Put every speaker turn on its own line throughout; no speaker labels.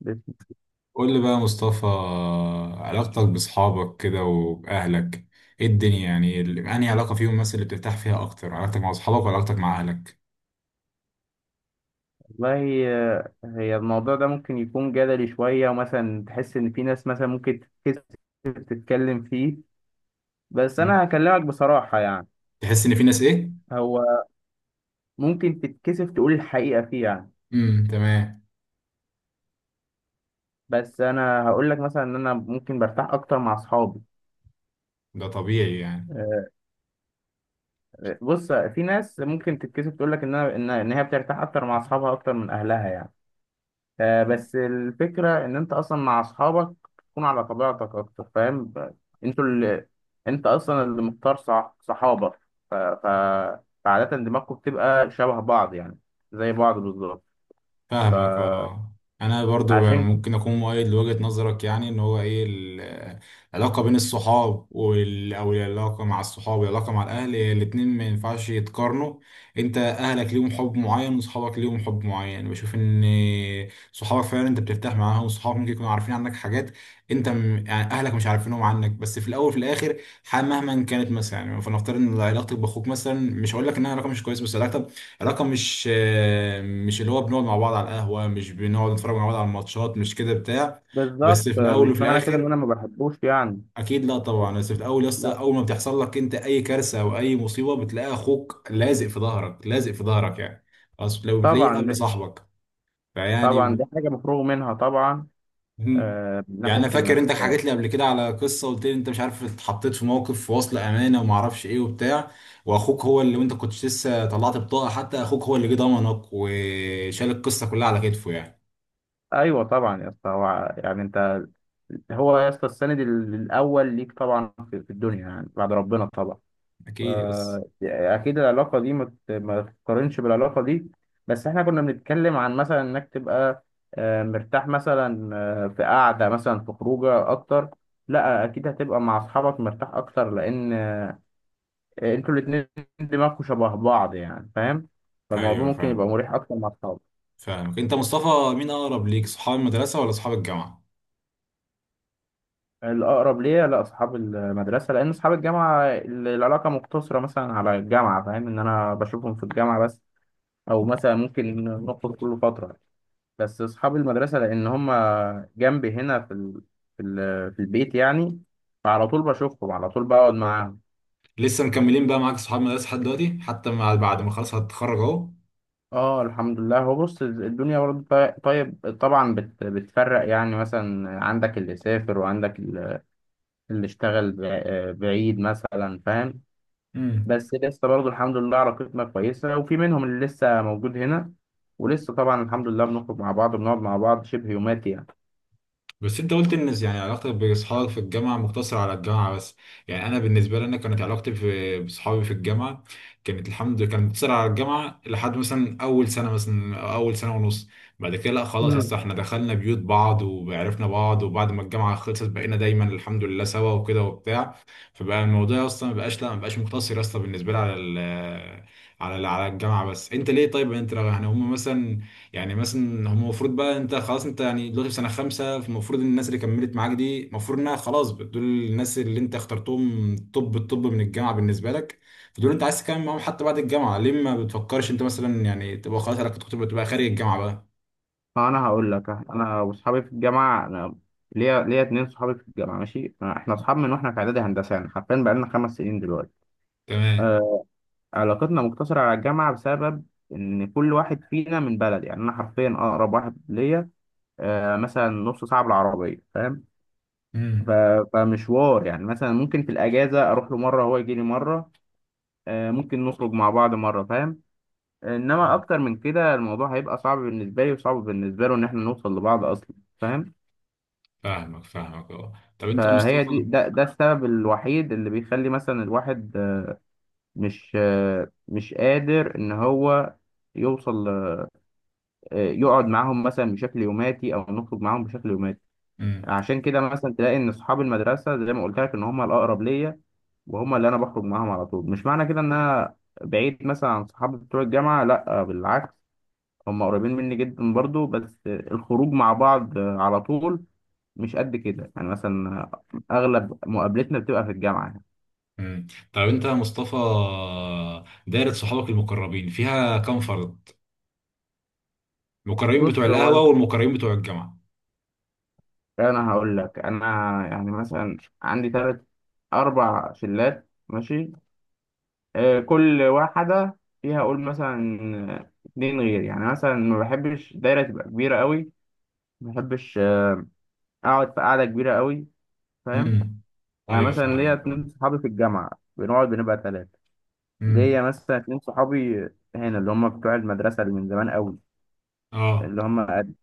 بس
قول لي بقى يا مصطفى، علاقتك بأصحابك كده وبأهلك ايه الدنيا؟ يعني انهي علاقة فيهم مثلا اللي بترتاح فيها أكتر، علاقتك مع أصحابك ولا علاقتك مع أهلك؟
والله آه، هي الموضوع ده ممكن يكون جدلي شوية ومثلا تحس إن في ناس مثلا ممكن تتكسف تتكلم فيه، بس
مم.
أنا هكلمك بصراحة يعني.
تحس إن في ناس ايه؟
هو ممكن تتكسف تقول الحقيقة فيه يعني.
امم، تمام.
بس أنا هقول لك مثلا إن أنا ممكن برتاح أكتر مع أصحابي.
ده طبيعي يعني.
آه، بص، في ناس ممكن تتكسف تقول لك إن أنا إن هي بترتاح أكتر مع أصحابها أكتر من أهلها يعني. آه، بس الفكرة إن أنت أصلا مع أصحابك تكون على طبيعتك أكتر، فاهم أنتوا اللي أنت أصلا اللي مختار صحابك، ف... ف... فعادة دماغكم بتبقى شبه بعض يعني، زي بعض بالظبط.
فاهمك،
فعشان
اه. انا برضو ممكن اكون مؤيد لوجهة نظرك، يعني ان هو ايه العلاقة بين الصحاب او العلاقة مع الصحاب والعلاقة مع الاهل، هي الاتنين ما ينفعش يتقارنوا. انت اهلك ليهم حب معين وصحابك ليهم حب معين، بشوف ان صحابك فعلا انت بترتاح معاهم، وصحابك ممكن يكونوا عارفين عنك حاجات انت يعني اهلك مش عارفينهم عنك. بس في الاول وفي الاخر مهما كانت، مثلا يعني فنفترض ان علاقتك باخوك مثلا، مش هقول لك انها علاقة مش كويسة، بس علاقتك علاقة مش مش اللي هو بنقعد مع بعض على القهوة، مش بنقعد نتفرج مع بعض على الماتشات، مش كده بتاع. بس
بالظبط
في الأول وفي
مش معنى كده إن
الآخر،
أنا ما بحبوش يعني.
أكيد لا طبعا. بس في الأول يا اسطى،
لا
أول ما بتحصل لك أنت أي كارثة أو أي مصيبة، بتلاقي أخوك لازق في ظهرك، لازق في ظهرك يعني. خلاص، لو بتلاقيه
طبعا
قبل صاحبك.
طبعا
فيعني.
دي حاجة مفروغ منها طبعا.
مم.
آه، من
يعني
ناحية
انا فاكر
إنك
انت حكيت لي قبل كده على قصه، قلت لي انت مش عارف اتحطيت في موقف في وصل امانه وما اعرفش ايه وبتاع، واخوك هو اللي، وانت كنت لسه طلعت بطاقه، حتى اخوك هو اللي جه ضمنك وشال القصه كلها على كتفه يعني.
ايوه طبعا يا اسطى، هو يعني انت، هو يا اسطى السند الاول ليك طبعا في في الدنيا يعني بعد ربنا طبعا. ف-
اكيد، يس.
يعني اكيد العلاقه دي ما تقارنش بالعلاقه دي. بس احنا كنا بنتكلم عن مثلا انك تبقى آه، مرتاح مثلا، آه، في قعده مثلا، في خروجه اكتر. لا اكيد هتبقى مع اصحابك مرتاح اكتر، لان آه، انتوا الاتنين دماغكم شبه بعض يعني فاهم، فالموضوع
ايوه
ممكن يبقى
فاهم.
مريح اكتر مع اصحابك.
فاهمك. انت مصطفى، مين اقرب ليك، صحاب المدرسه ولا صحاب الجامعه؟
الأقرب ليا لا أصحاب المدرسة، لأن أصحاب الجامعة العلاقة مقتصرة مثلا على الجامعة، فاهم إن أنا بشوفهم في الجامعة بس. أو مثلا ممكن نخرج كل فترة. بس أصحاب المدرسة لأن هما جنبي هنا في البيت يعني، فعلى طول بشوفهم، على طول بقعد معاهم.
لسه مكملين بقى معاك صحاب المدرسه لحد دلوقتي، حتى مع بعد ما خلاص هتتخرج اهو؟
اه الحمد لله. هو بص الدنيا برضه طيب طبعا بتفرق يعني، مثلا عندك اللي سافر وعندك اللي اشتغل بعيد مثلا فاهم.
امم
بس لسه برضه الحمد لله علاقتنا كويسة وفي منهم اللي لسه موجود هنا، ولسه طبعا الحمد لله بنخرج مع بعض بنقعد مع بعض شبه يوماتي يعني.
بس انت قلت ان يعني علاقتك باصحابك في الجامعه مقتصره على الجامعه بس. يعني انا بالنسبه لي انا، كانت علاقتي في باصحابي في الجامعه كانت، الحمد لله، كانت مقتصره على الجامعه لحد مثلا اول سنه، مثلا أو اول سنه ونص. بعد كده لا خلاص يا اسطى،
امم.
احنا دخلنا بيوت بعض وعرفنا بعض، وبعد ما الجامعه خلصت بقينا دايما الحمد لله سوا وكده وبتاع. فبقى الموضوع اصلا ما بقاش، لا ما بقاش مقتصر اصلا بالنسبه لي على على الجامعه. بس انت ليه؟ طيب انت يعني هم مثلا، يعني مثلا هم المفروض بقى، انت خلاص انت يعني دلوقتي في سنه خمسه، فالمفروض الناس اللي كملت معاك دي المفروض انها خلاص دول الناس اللي انت اخترتهم، طب الطب من الجامعه بالنسبه لك. فدول انت عايز تكمل معاهم حتى بعد الجامعه، ليه ما بتفكرش انت مثلا، يعني تبقى خلاص علاقتك تبقى خارج الجامعه بقى؟
فأنا هقول لك، أنا وأصحابي في الجامعة، أنا ليا اتنين صحابي في الجامعة، ماشي، إحنا أصحاب من وإحنا في إعدادي هندسة، يعني حرفيا بقالنا 5 سنين دلوقتي.
تمام.
آه. علاقتنا مقتصرة على الجامعة بسبب إن كل واحد فينا من بلد، يعني أنا حرفيا أقرب واحد ليا آه مثلا نص ساعة بالعربية فاهم. ف-
امم.
فمشوار يعني، مثلا ممكن في الأجازة أروح له مرة، هو يجي لي مرة. آه، ممكن نخرج مع بعض مرة فاهم. انما اكتر من كده الموضوع هيبقى صعب بالنسبة لي وصعب بالنسبة له ان احنا نوصل لبعض اصلا فاهم.
فاهمك. فاهمك، اه. طب انت يا
فهي
مصطفى.
دي ده ده السبب الوحيد اللي بيخلي مثلا الواحد آه، مش قادر ان هو يوصل ل- آه، يقعد معاهم مثلا بشكل يوماتي او نخرج معاهم بشكل يوماتي.
امم،
عشان كده مثلا تلاقي ان اصحاب المدرسة زي ما قلت لك ان هم الاقرب ليا، وهم اللي انا بخرج معاهم على طول. مش معنى كده ان انا بعيد مثلا عن صحابي بتوع الجامعة، لا بالعكس، هم قريبين مني جدا برضو، بس الخروج مع بعض على طول مش قد كده يعني، مثلا اغلب مقابلتنا بتبقى في الجامعه يعني.
امم. طب انت يا مصطفى، دايره صحابك المقربين فيها كام فرد؟ المقربين بتوع
بص هو
القهوه والمقربين بتوع الجامعه.
انا هقول لك انا، يعني مثلا عندي ثلاث اربع شلات ماشي، آه، كل واحده فيها اقول مثلا اتنين، غير يعني مثلا ما بحبش دايره تبقى كبيره قوي، ما بحبش آه، اقعد في قاعده كبيره قوي فاهم.
امم.
يعني
ايوه
مثلا ليا
فاهمك.
اتنين صحابي في الجامعه، بنقعد بنبقى ثلاثه.
امم.
ليا مثلا اتنين صحابي هنا اللي هم بتوع المدرسة اللي من زمان قوي،
اه.
اللي هم قد-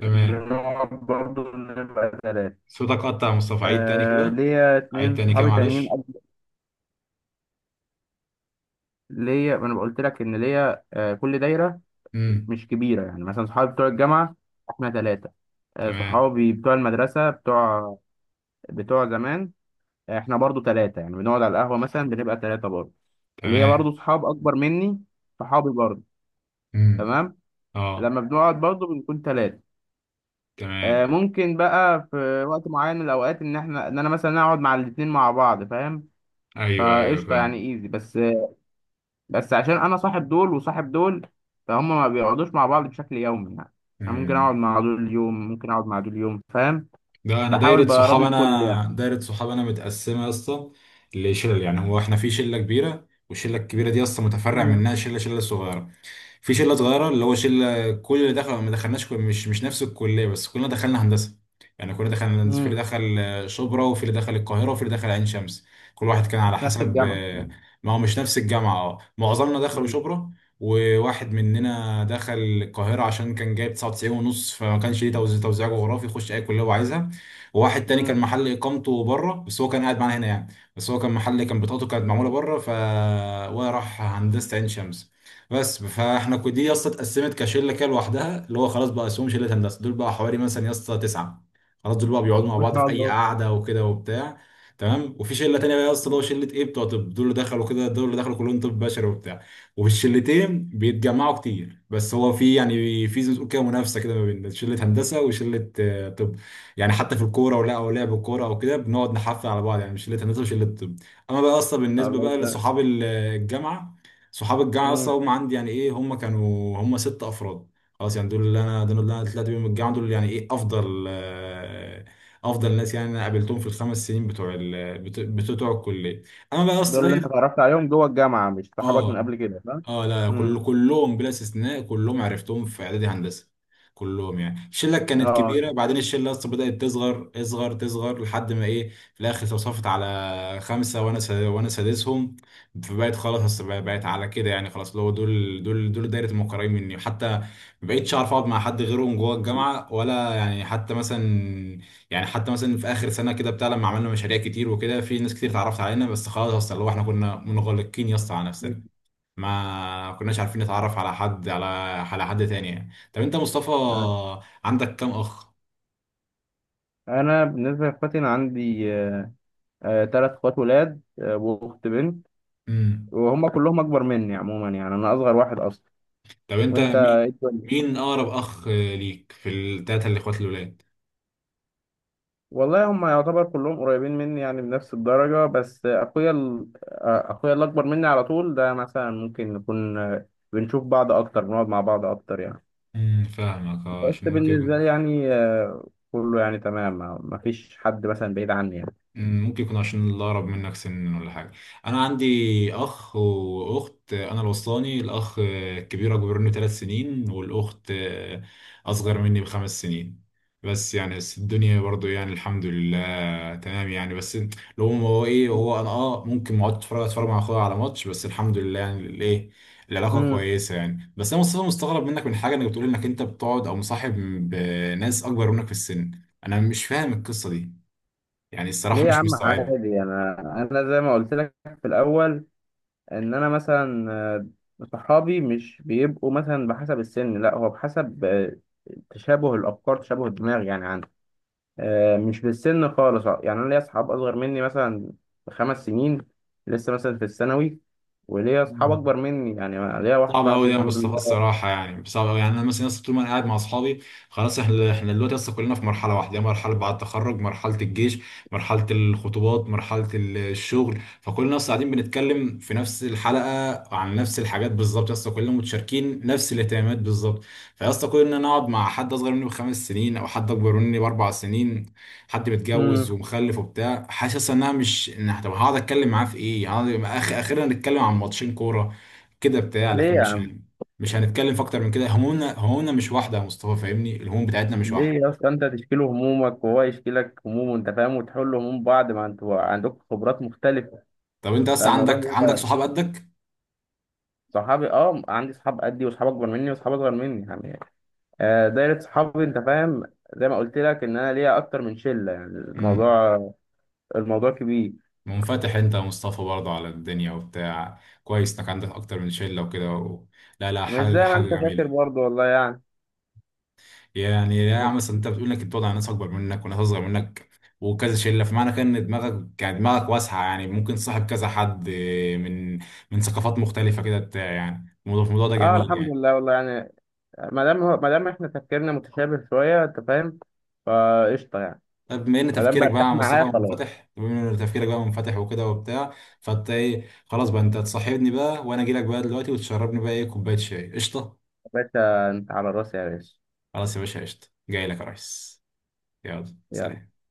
تمام.
بنقعد برضه نبقى تلاتة.
صوتك قطع يا مصطفى، عيد تاني
آه،
كده.
ليا
عيد
اتنين
تاني كده،
صحابي تانيين
معلش.
قبل- ليا، ما انا قلت لك ان ليا آه كل دايرة
امم.
مش كبيرة، يعني مثلا صحابي بتوع الجامعة احنا تلاتة. آه
تمام.
صحابي بتوع المدرسة بتوع، بتوع زمان، آه، احنا برضه تلاتة، يعني بنقعد على القهوة مثلا بنبقى تلاتة برضه. وليا
تمام.
برضه صحاب أكبر مني، صحابي برضه،
امم.
تمام،
اه.
لما بنقعد برضه بنكون تلاتة.
تمام.
آه، ممكن بقى في وقت معين من الاوقات ان احنا ان انا مثلا اقعد مع الاتنين مع بعض فاهم،
ايوه، ايوه
فقشطه يعني،
فاهم.
ايزي. بس بس عشان انا صاحب دول وصاحب دول، فهم ما بيقعدوش مع بعض بشكل يومي يعني، انا ممكن اقعد
امم.
مع دول يوم، ممكن اقعد مع دول يوم فاهم،
ده انا
بحاول براضي الكل يعني.
دايره صحاب انا متقسمه يا اسطى لشلل. يعني هو احنا في شله كبيره، والشله الكبيره دي اصلا متفرع
امم.
منها شله شله صغيره. في شله صغيره اللي هو شله كل اللي دخل، ما دخلناش مش نفس الكليه، بس كلنا دخلنا هندسه. يعني كلنا دخلنا هندسه، في
امم.
اللي دخل شبرا، وفي اللي دخل القاهره، وفي اللي دخل عين شمس. كل واحد كان
مش
على
نفس
حسب.
الجامعه.
ما هو مش نفس الجامعه، اه، معظمنا دخلوا
امم.
شبرا. وواحد مننا دخل القاهرة عشان كان جايب 99 ونص، فما كانش ليه توزيع جغرافي يخش أي كلية هو عايزها. وواحد تاني كان
امم.
محل إقامته بره، بس هو كان قاعد معانا هنا يعني. بس هو كان بطاقته كانت معمولة بره، ف... وراح هندسة عين شمس. بس فاحنا دي يا اسطى اتقسمت كشله كده لوحدها، اللي هو خلاص بقى اسمهم شله هندسه، دول بقى حوالي مثلا يا اسطى تسعه. خلاص، دول بقى بيقعدوا مع
ما
بعض
شاء
في اي
الله.
قعده وكده وبتاع. تمام. وفي شله تانيه بقى يا اسطى، اللي هو شله ايه؟ بتوع طب. دول اللي دخلوا كلهم طب بشري وبتاع. وفي الشلتين بيتجمعوا كتير، بس هو في يعني في، زي ما تقول كده، منافسه كده ما بين شله هندسه وشله طب. يعني حتى في الكوره او لعب الكوره او كده، بنقعد نحفل على بعض، يعني شله هندسه وشله طب. اما بقى اصلا بالنسبه
الله
بقى
يسلمك.
لصحاب الجامعه، صحاب الجامعه اصلا
امم.
هم عندي، يعني ايه، هم كانوا، هم ست افراد. خلاص يعني دول اللي انا طلعت بيهم من الجامعه، دول يعني ايه، افضل ناس، يعني انا قابلتهم في الخمس سنين بتوع بتوع الكليه. انا بقى يا اسطى
دول اللي انت
داير.
اتعرفت عليهم جوه الجامعه مش صحابك من
اه،
قبل كده فاهم.
اه، لا
امم.
كلهم بلا استثناء، كلهم عرفتهم في اعدادي هندسه. كلهم يعني الشله كانت
اه.
كبيره، بعدين الشله اصلا بدات تصغر، اصغر، تصغر، لحد ما ايه في الاخر توصفت على خمسه، وانا سادسهم. فبقت خلاص، بقت على كده، يعني خلاص اللي هو دول دايره المقربين مني. حتى ما بقتش اعرف اقعد مع حد غيرهم جوه الجامعه، ولا يعني حتى مثلا، في اخر سنه كده بتاع لما عملنا مشاريع كتير وكده، في ناس كتير اتعرفت علينا، بس خلاص اصلا اللي هو احنا كنا منغلقين يا اسطى على نفسنا. ما كناش عارفين نتعرف على حد، على حد تاني يعني. طب انت مصطفى، عندك كام اخ؟
انا بالنسبه لاخواتي انا عندي ثلاث اخوات ولاد، آه، واخت بنت،
امم.
وهم كلهم اكبر مني عموما، يعني انا اصغر واحد اصلا.
طب انت
وانت
مين
إيه الدنيا؟
مين اقرب اخ ليك في التلاتة الاخوات الولاد؟
والله هم يعتبر كلهم قريبين مني يعني بنفس الدرجة، بس اخويا ال... آه، اخويا اللي اكبر مني على طول ده مثلا ممكن نكون آه، بنشوف بعض اكتر، بنقعد مع بعض اكتر يعني.
امم. فاهمك. اه،
بس
عشان
بالنسبة لي يعني آه، كله يعني تمام، ما فيش حد مثلا بعيد عني يعني.
ممكن يكون عشان اللي اقرب منك سن ولا حاجه. انا عندي اخ واخت، انا الوسطاني، الاخ الكبير اكبر مني 3 سنين، والاخت اصغر مني ب5 سنين. بس الدنيا برضو يعني الحمد لله، تمام يعني. بس لو هو ايه هو، انا ممكن ما اقعد اتفرج مع اخويا على ماتش، بس الحمد لله يعني الايه، العلاقه
مم.
كويسه يعني. بس انا مصطفى مستغرب منك من حاجه، انك بتقول انك انت بتقعد او مصاحب بناس اكبر منك في السن. انا مش فاهم القصه دي، يعني
ليه
الصراحة
يا
مش
عم
مستوعبة.
عادي، انا زي ما قلت لك في الاول، ان انا مثلا آه، صحابي مش بيبقوا مثلا بحسب السن، لا هو بحسب آه، تشابه الافكار، تشابه الدماغ يعني عندي، آه، مش بالسن خالص. آه، يعني انا ليا اصحاب اصغر مني مثلا بـ 5 سنين، لسه مثلا في الثانوي، وليا اصحاب
مم.
اكبر مني، يعني أنا ليا واحد
صعب
صاحبي
قوي يا
الحمد
مصطفى
لله.
الصراحه، يعني صعب قوي. يعني انا مثلا لسه طول ما انا قاعد مع اصحابي، خلاص احنا دلوقتي لسه كلنا في مرحله واحده، مرحله بعد التخرج، مرحله الجيش، مرحله الخطوبات، مرحله الشغل. فكلنا لسه قاعدين بنتكلم في نفس الحلقه عن نفس الحاجات بالظبط، لسه كلنا متشاركين نفس الاهتمامات بالظبط. فلسه، كل ان انا اقعد مع حد اصغر مني ب5 سنين او حد اكبر مني ب4 سنين، حد متجوز
امم.
ومخلف وبتاع، حاسس انها مش إن- طب هقعد اتكلم معاه في ايه؟ هقعد اخيرا نتكلم عن ماتشين كوره كده بتاع. لكن
ليه يا عم،
مش هنتكلم في اكتر من كده، همومنا همومنا مش واحده يا مصطفى، فاهمني، الهموم بتاعتنا مش
ليه
واحده.
يا اسطى، انت تشكي له همومك وهو يشكي لك همومه انت فاهم، وتحلوا هموم بعض، ما انتوا عندكم خبرات مختلفه،
طب انت بس
فالموضوع
عندك
بيبقى
صحاب قدك؟
صحابي. اه عندي صحاب قدي وصحاب اكبر مني وصحاب اصغر مني يعني، آه، دايرة صحابي أنت فاهم، زي ما قلت لك إن أنا ليا أكتر من شلة، يعني
امم.
الموضوع، الموضوع كبير.
منفتح انت يا مصطفى برضه على الدنيا وبتاع، كويس انك عندك اكتر من شله وكده و... لا، لا،
مش
حاجه
زي ما
حاجه
أنت فاكر
جميله.
برضه والله يعني.
يعني يا عم مثلا انت بتقول انك بتقعد على ناس اكبر منك وناس اصغر منك وكذا شله، فمعنى كده ان دماغك، يعني دماغك واسعه، يعني ممكن تصاحب كذا حد من من ثقافات مختلفه كده بتاع، يعني الموضوع ده
أه
جميل
الحمد
يعني.
لله والله يعني، ما دام إحنا تفكيرنا متشابه شوية أنت فاهم، فقشطة يعني. ما دام برتاح معاه خلاص.
بما ان تفكيرك بقى منفتح وكده وبتاع، فانت ايه؟ خلاص بقى انت تصاحبني بقى، وانا اجي لك بقى دلوقتي، وتشربني بقى ايه، كوبايه شاي، قشطه.
يا باشا أنت على راسي يا باشا.
خلاص يا باشا، قشطه، جاي لك يا ريس، يلا
يلا.
سلام.